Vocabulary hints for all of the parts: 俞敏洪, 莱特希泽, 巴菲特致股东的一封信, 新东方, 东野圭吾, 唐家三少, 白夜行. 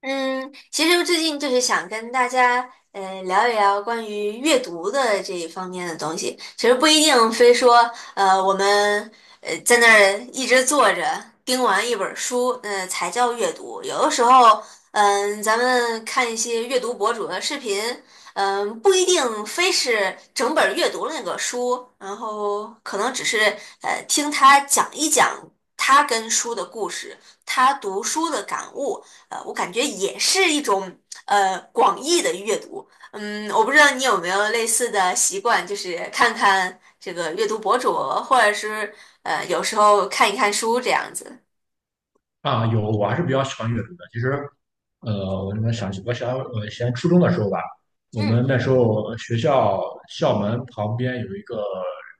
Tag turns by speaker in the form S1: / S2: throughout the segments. S1: 嗯，其实最近就是想跟大家聊一聊关于阅读的这一方面的东西。其实不一定非说我们在那儿一直坐着盯完一本书，才叫阅读。有的时候，咱们看一些阅读博主的视频，不一定非是整本儿阅读了那个书，然后可能只是听他讲一讲他跟书的故事，他读书的感悟。我感觉也是一种广义的阅读。我不知道你有没有类似的习惯，就是看看这个阅读博主，或者是有时候看一看书这样子。
S2: 啊，有，我还是比较喜欢阅读的。其实，我想，我以前初中的时候吧，我们
S1: 嗯
S2: 那时候学校校门旁边有一个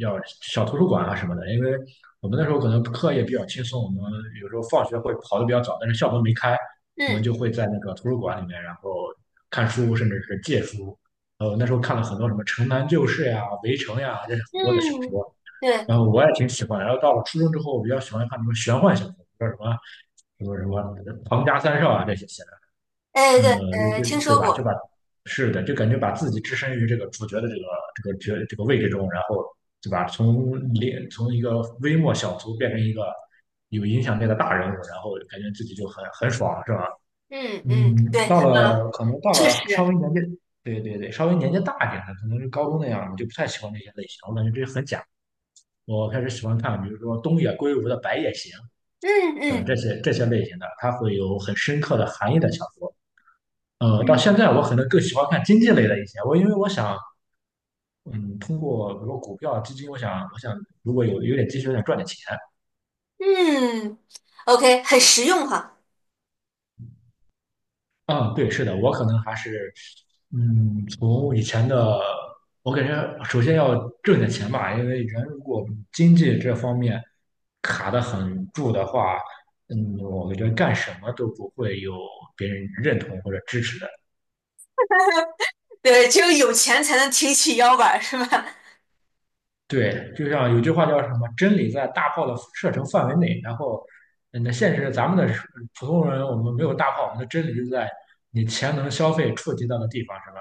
S2: 叫小图书馆啊什么的，因为我们那时候可能课业比较轻松，我们有时候放学会跑得比较早，但是校门没开，我们
S1: 嗯
S2: 就会在那个图书馆里面，然后看书，甚至是借书。那时候看了很多什么《城南旧事》呀、《围城》呀，这是很多的小
S1: 嗯，
S2: 说。
S1: 对，
S2: 然后我也挺喜欢。然后到了初中之后，我比较喜欢看什么玄幻小说，叫什么《唐家三少》啊这些写
S1: 哎
S2: 的，
S1: 对，
S2: 就
S1: 听
S2: 就对
S1: 说
S2: 吧？就
S1: 过。
S2: 是的，就感觉把自己置身于这个主角的这个这个角这个位置中，然后对吧？从一个微末小卒变成一个有影响力的大人物，然后感觉自己就很爽，是吧？
S1: 嗯嗯，
S2: 嗯，
S1: 对，
S2: 到
S1: 确
S2: 了稍
S1: 实，
S2: 微年纪，对对对，稍微年纪大一点的，可能是高中那样，我就不太喜欢这些类型，我感觉这些很假。我开始喜欢看，比如说东野圭吾的《白夜行》
S1: 嗯
S2: 等
S1: 嗯
S2: 这些类型的，它会有很深刻的含义的小说。到现
S1: 嗯
S2: 在我可能更喜欢看经济类的一些，因为我想，嗯，通过比如说股票、基金，我想如果有点积蓄，我想赚点钱。
S1: 嗯，OK,很实用哈。
S2: 嗯，对，是的，我可能还是，从以前的，我感觉首先要挣点钱吧，因为人如果经济这方面卡得很住的话，我感觉干什么都不会有别人认同或者支持的。
S1: 对，只有有钱才能挺起腰板儿，是吧？
S2: 对，就像有句话叫什么，真理在大炮的射程范围内。然后，那现实咱们的普通人，我们没有大炮，我们的真理就在你钱能消费触及到的地方，是吧？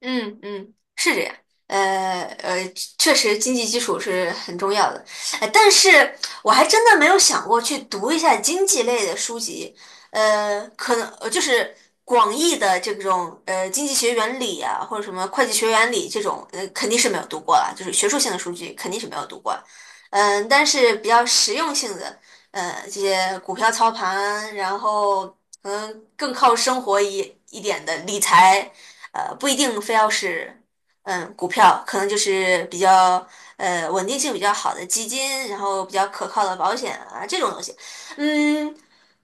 S1: 嗯嗯，是这样。呃呃，确实经济基础是很重要的，但是我还真的没有想过去读一下经济类的书籍，可能就是广义的这种经济学原理啊，或者什么会计学原理这种，肯定是没有读过了，就是学术性的书籍肯定是没有读过了，但是比较实用性的，这些股票操盘，然后可能更靠生活一点的理财。不一定非要是股票，可能就是比较稳定性比较好的基金，然后比较可靠的保险啊这种东西，嗯，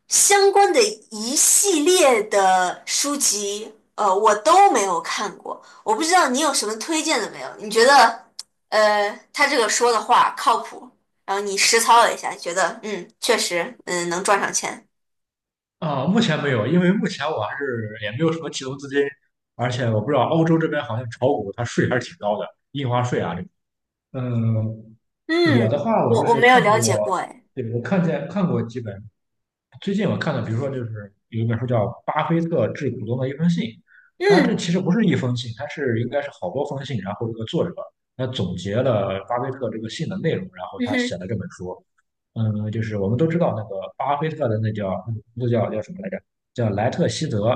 S1: 相关的一系列的书籍，我都没有看过，我不知道你有什么推荐的没有？你觉得他这个说的话靠谱？然后你实操了一下，觉得嗯，确实，嗯，能赚上钱。
S2: 啊，目前没有，因为目前我还是也没有什么启动资金，而且我不知道欧洲这边好像炒股它税还是挺高的，印花税啊这个。嗯，我
S1: 嗯，
S2: 的话我就
S1: 我
S2: 是
S1: 没有
S2: 看
S1: 了解
S2: 过，
S1: 过，哎，
S2: 对，我看过几本最近我看的，比如说就是有一本书叫《巴菲特致股东的一封信》，它这
S1: 嗯，
S2: 其实不是一封信，它是应该是好多封信，然后这个作者他总结了巴菲特这个信的内容，然后
S1: 嗯
S2: 他写
S1: 哼，
S2: 了这本书。嗯，就是我们都知道那个巴菲特的那叫那叫叫什么来着？叫莱特希泽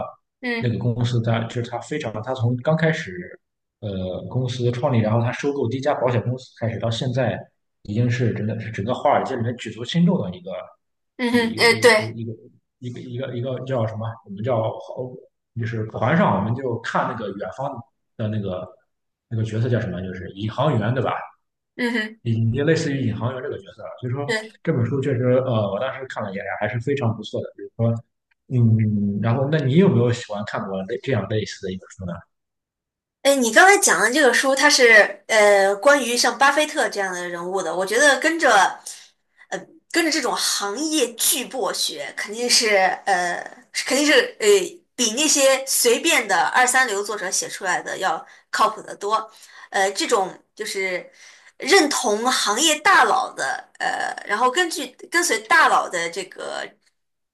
S2: 那
S1: 嗯。
S2: 个公司，它就是它非常，它从刚开始。公司创立，然后他收购第一家保险公司开始，到现在已经是真的是整个华尔街里面举足轻重的一个
S1: 嗯
S2: 一
S1: 哼，
S2: 一
S1: 对，
S2: 一一个一个叫什么？我们叫就是船上我们就看那个远方的那个角色叫什么？就是宇航员对吧？
S1: 嗯哼，
S2: 也就类似于宇航员这个角色啊，所以说
S1: 对，
S2: 这本书确实我当时看了也还是非常不错的，比如说。然后那你有没有喜欢看过这样类似的一本书呢？
S1: 哎，你刚才讲的这个书，它是关于像巴菲特这样的人物的，我觉得跟着呃跟着这种行业巨擘学，呃是肯定是呃比那些随便的二三流作者写出来的要靠谱得多。这种就是认同行业大佬的，然后根据跟随大佬的这个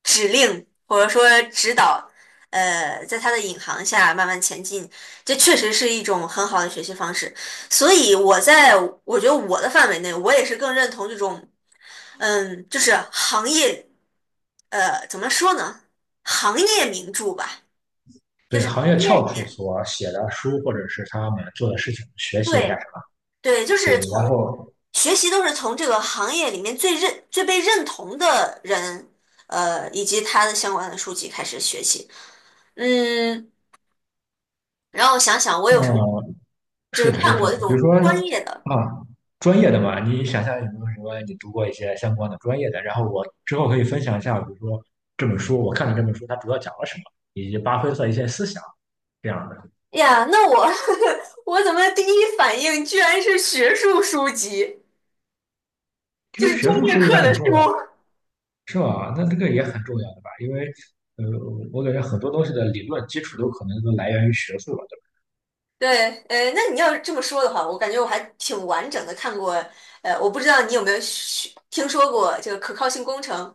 S1: 指令或者说指导，在他的引航下慢慢前进。这确实是一种很好的学习方式，所以我觉得我的范围内，我也是更认同这种，就是行业，怎么说呢？行业名著吧，就
S2: 对
S1: 是
S2: 行
S1: 行
S2: 业
S1: 业里
S2: 翘楚
S1: 面，
S2: 所写的书，或者是他们做的事情，学习一下
S1: 对
S2: 什么。
S1: 对，就
S2: 对，
S1: 是
S2: 然
S1: 从
S2: 后，
S1: 学习都是从这个行业里面最被认同的人，以及他的相关的书籍开始学习。嗯，然后我想想，我
S2: 嗯，
S1: 有什么就
S2: 是
S1: 是
S2: 的，是
S1: 看
S2: 的。
S1: 过那
S2: 比如
S1: 种
S2: 说，
S1: 专业的。
S2: 啊，专业的嘛，你想象有没有什么你读过一些相关的专业的？然后我之后可以分享一下，比如说这本书，我看了这本书它主要讲了什么，以及巴菲特一些思想这样的。
S1: 呀，那我 我怎么第一反应居然是学术书籍，
S2: 其
S1: 就
S2: 实
S1: 是
S2: 学
S1: 专
S2: 术
S1: 业
S2: 书也
S1: 课的
S2: 很
S1: 书？
S2: 重要吧，是吧？那这个也很重要的吧，因为，呃，我感觉很多东西的理论基础都可能都来源于学术吧。
S1: 对，那你要这么说的话，我感觉我还挺完整的看过。我不知道你有没有听说过这个可靠性工程？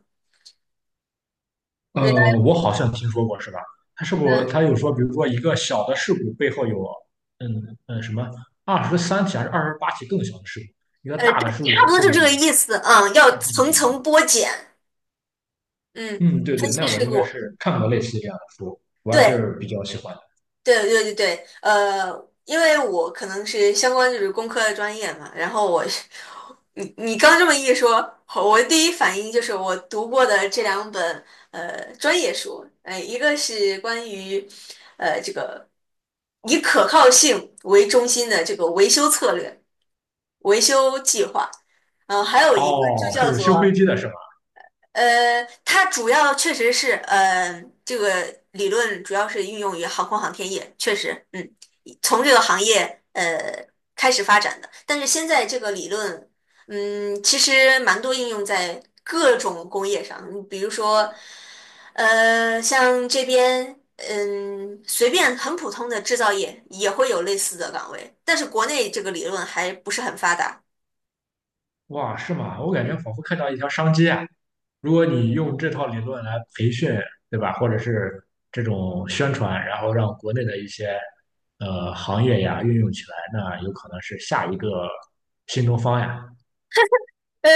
S1: 对
S2: 我好像听说过，是吧？他是不，
S1: 嗯，
S2: 他有说，比如说一个小的事故背后有，嗯嗯，什么23起还是28起更小的事故，一个大的
S1: 对，
S2: 事
S1: 差不
S2: 故
S1: 多
S2: 后
S1: 就这
S2: 面
S1: 个
S2: 有
S1: 意思。啊，要
S2: 支点，
S1: 层
S2: 是这样。
S1: 层剥茧，嗯，
S2: 嗯，对对，
S1: 分析
S2: 那我
S1: 事
S2: 应该
S1: 故。
S2: 是看过类似这样的书，我还
S1: 对，
S2: 是比较喜欢的。
S1: 对对对对，因为我可能是相关就是工科的专业嘛，然后我，你刚这么一说，我第一反应就是我读过的这两本专业书，一个是关于这个以可靠性为中心的这个维修策略、维修计划，然后还有一个就
S2: 哦，
S1: 叫
S2: 是修飞
S1: 做
S2: 机的是吧？
S1: 它主要确实是，这个理论主要是运用于航空航天业，确实，嗯，从这个行业开始发展的。但是现在这个理论，其实蛮多应用在各种工业上，你比如说，像这边，嗯，随便很普通的制造业也会有类似的岗位，但是国内这个理论还不是很发达。
S2: 哇，是吗？我感觉
S1: 嗯。
S2: 仿佛看到一条商机啊！如果你用这套理论来培训，对吧？或者是这种宣传，然后让国内的一些行业呀运用起来，那有可能是下一个新东方呀。
S1: 呃，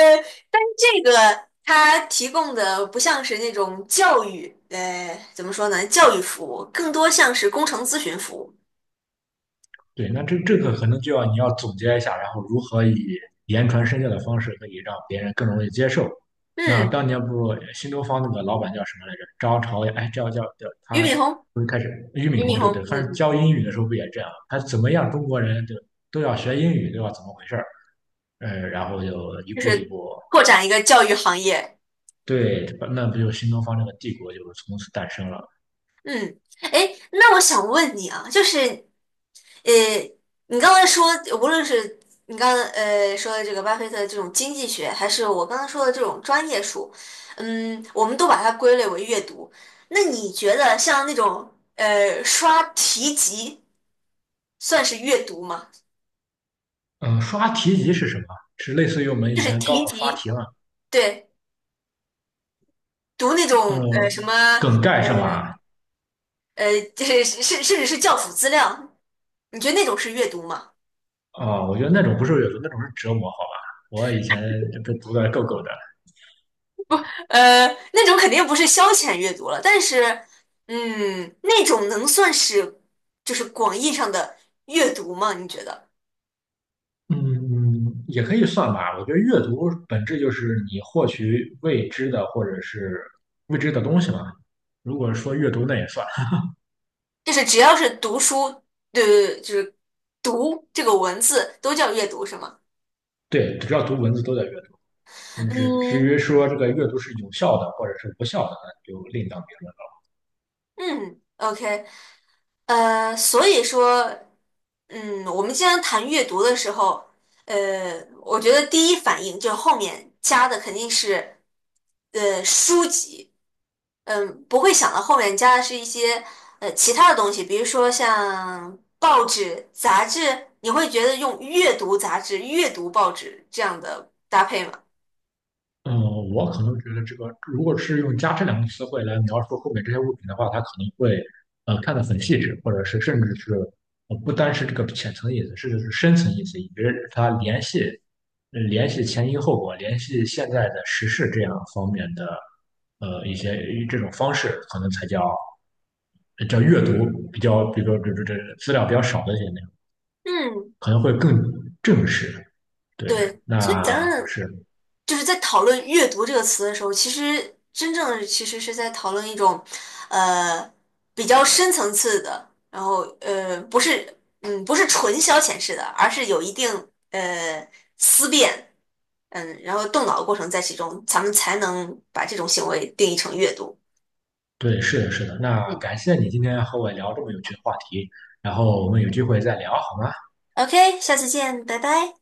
S1: 但是这个它提供的不像是那种教育，怎么说呢？教育服务更多像是工程咨询服务。
S2: 对，那这个可能就要你要总结一下，然后如何以言传身教的方式可以让别人更容易接受。那
S1: 嗯，
S2: 当年不新东方那个老板叫什么来着？张朝阳，哎，叫
S1: 俞
S2: 他
S1: 敏洪，
S2: 不是开始俞敏
S1: 俞
S2: 洪
S1: 敏
S2: 对
S1: 洪，
S2: 对，
S1: 嗯，
S2: 他是
S1: 嗯
S2: 教英语的时候不也这样？他怎么样，中国人就都要学英语，对吧？怎么回事儿？然后就一
S1: 就
S2: 步一
S1: 是
S2: 步，
S1: 拓展一个教育行业。
S2: 对，那不就新东方这个帝国就从此诞生了。
S1: 嗯，哎，那我想问你啊，就是，呃，你刚才说，无论是你刚才说的这个巴菲特这种经济学，还是我刚刚说的这种专业书，嗯，我们都把它归类为阅读。那你觉得像那种刷题集算是阅读吗？
S2: 嗯，刷题集是什么？是类似于我们以
S1: 就是
S2: 前高
S1: 题
S2: 考刷
S1: 集，
S2: 题嘛？
S1: 对，读那种
S2: 嗯，
S1: 呃什么
S2: 梗
S1: 呃，
S2: 概是吧？
S1: 呃就是甚至是教辅资料，你觉得那种是阅读吗？
S2: 啊，我觉得那种不是阅读，那种是折磨，好吧？我以前就被读的够够的。
S1: 呃，那种肯定不是消遣阅读了，但是，嗯，那种能算是就是广义上的阅读吗？你觉得？
S2: 嗯，也可以算吧。我觉得阅读本质就是你获取未知的或者是未知的东西嘛。如果说阅读，那也算。
S1: 就是只要是读书，对对对，就是读这个文字都叫阅读是吗？
S2: 对，只要读文字都在阅读。至至
S1: 嗯，
S2: 于说这个阅读是有效的或者是无效的，那就另当别论。
S1: 嗯，OK,所以说，嗯，我们经常谈阅读的时候，呃，我觉得第一反应就后面加的肯定是，书籍，嗯，不会想到后面加的是一些其他的东西，比如说像报纸、杂志，你会觉得用阅读杂志、阅读报纸这样的搭配吗？
S2: 嗯，我可能觉得这个，如果是用"加这两个词汇来描述后面这些物品的话，它可能会看得很细致，或者是甚至是不单是这个浅层意思，甚至是深层意思，以及它联系前因后果，联系现在的时事这样方面的一些这种方式，可能才叫阅读比较，比如说这资料比较少的一些内容，
S1: 嗯，
S2: 可能会更正式。对，
S1: 对，所以咱
S2: 那
S1: 们
S2: 是。
S1: 就是在讨论阅读这个词的时候，其实真正的其实是在讨论一种，呃，比较深层次的，然后呃，不是，嗯，不是纯消遣式的，而是有一定呃思辨，嗯，然后动脑的过程在其中，咱们才能把这种行为定义成阅读。
S2: 对，是的，是的。那感谢你今天和我聊这么有趣的话题，然后我们有机会再聊好吗？
S1: OK,下次见，拜拜。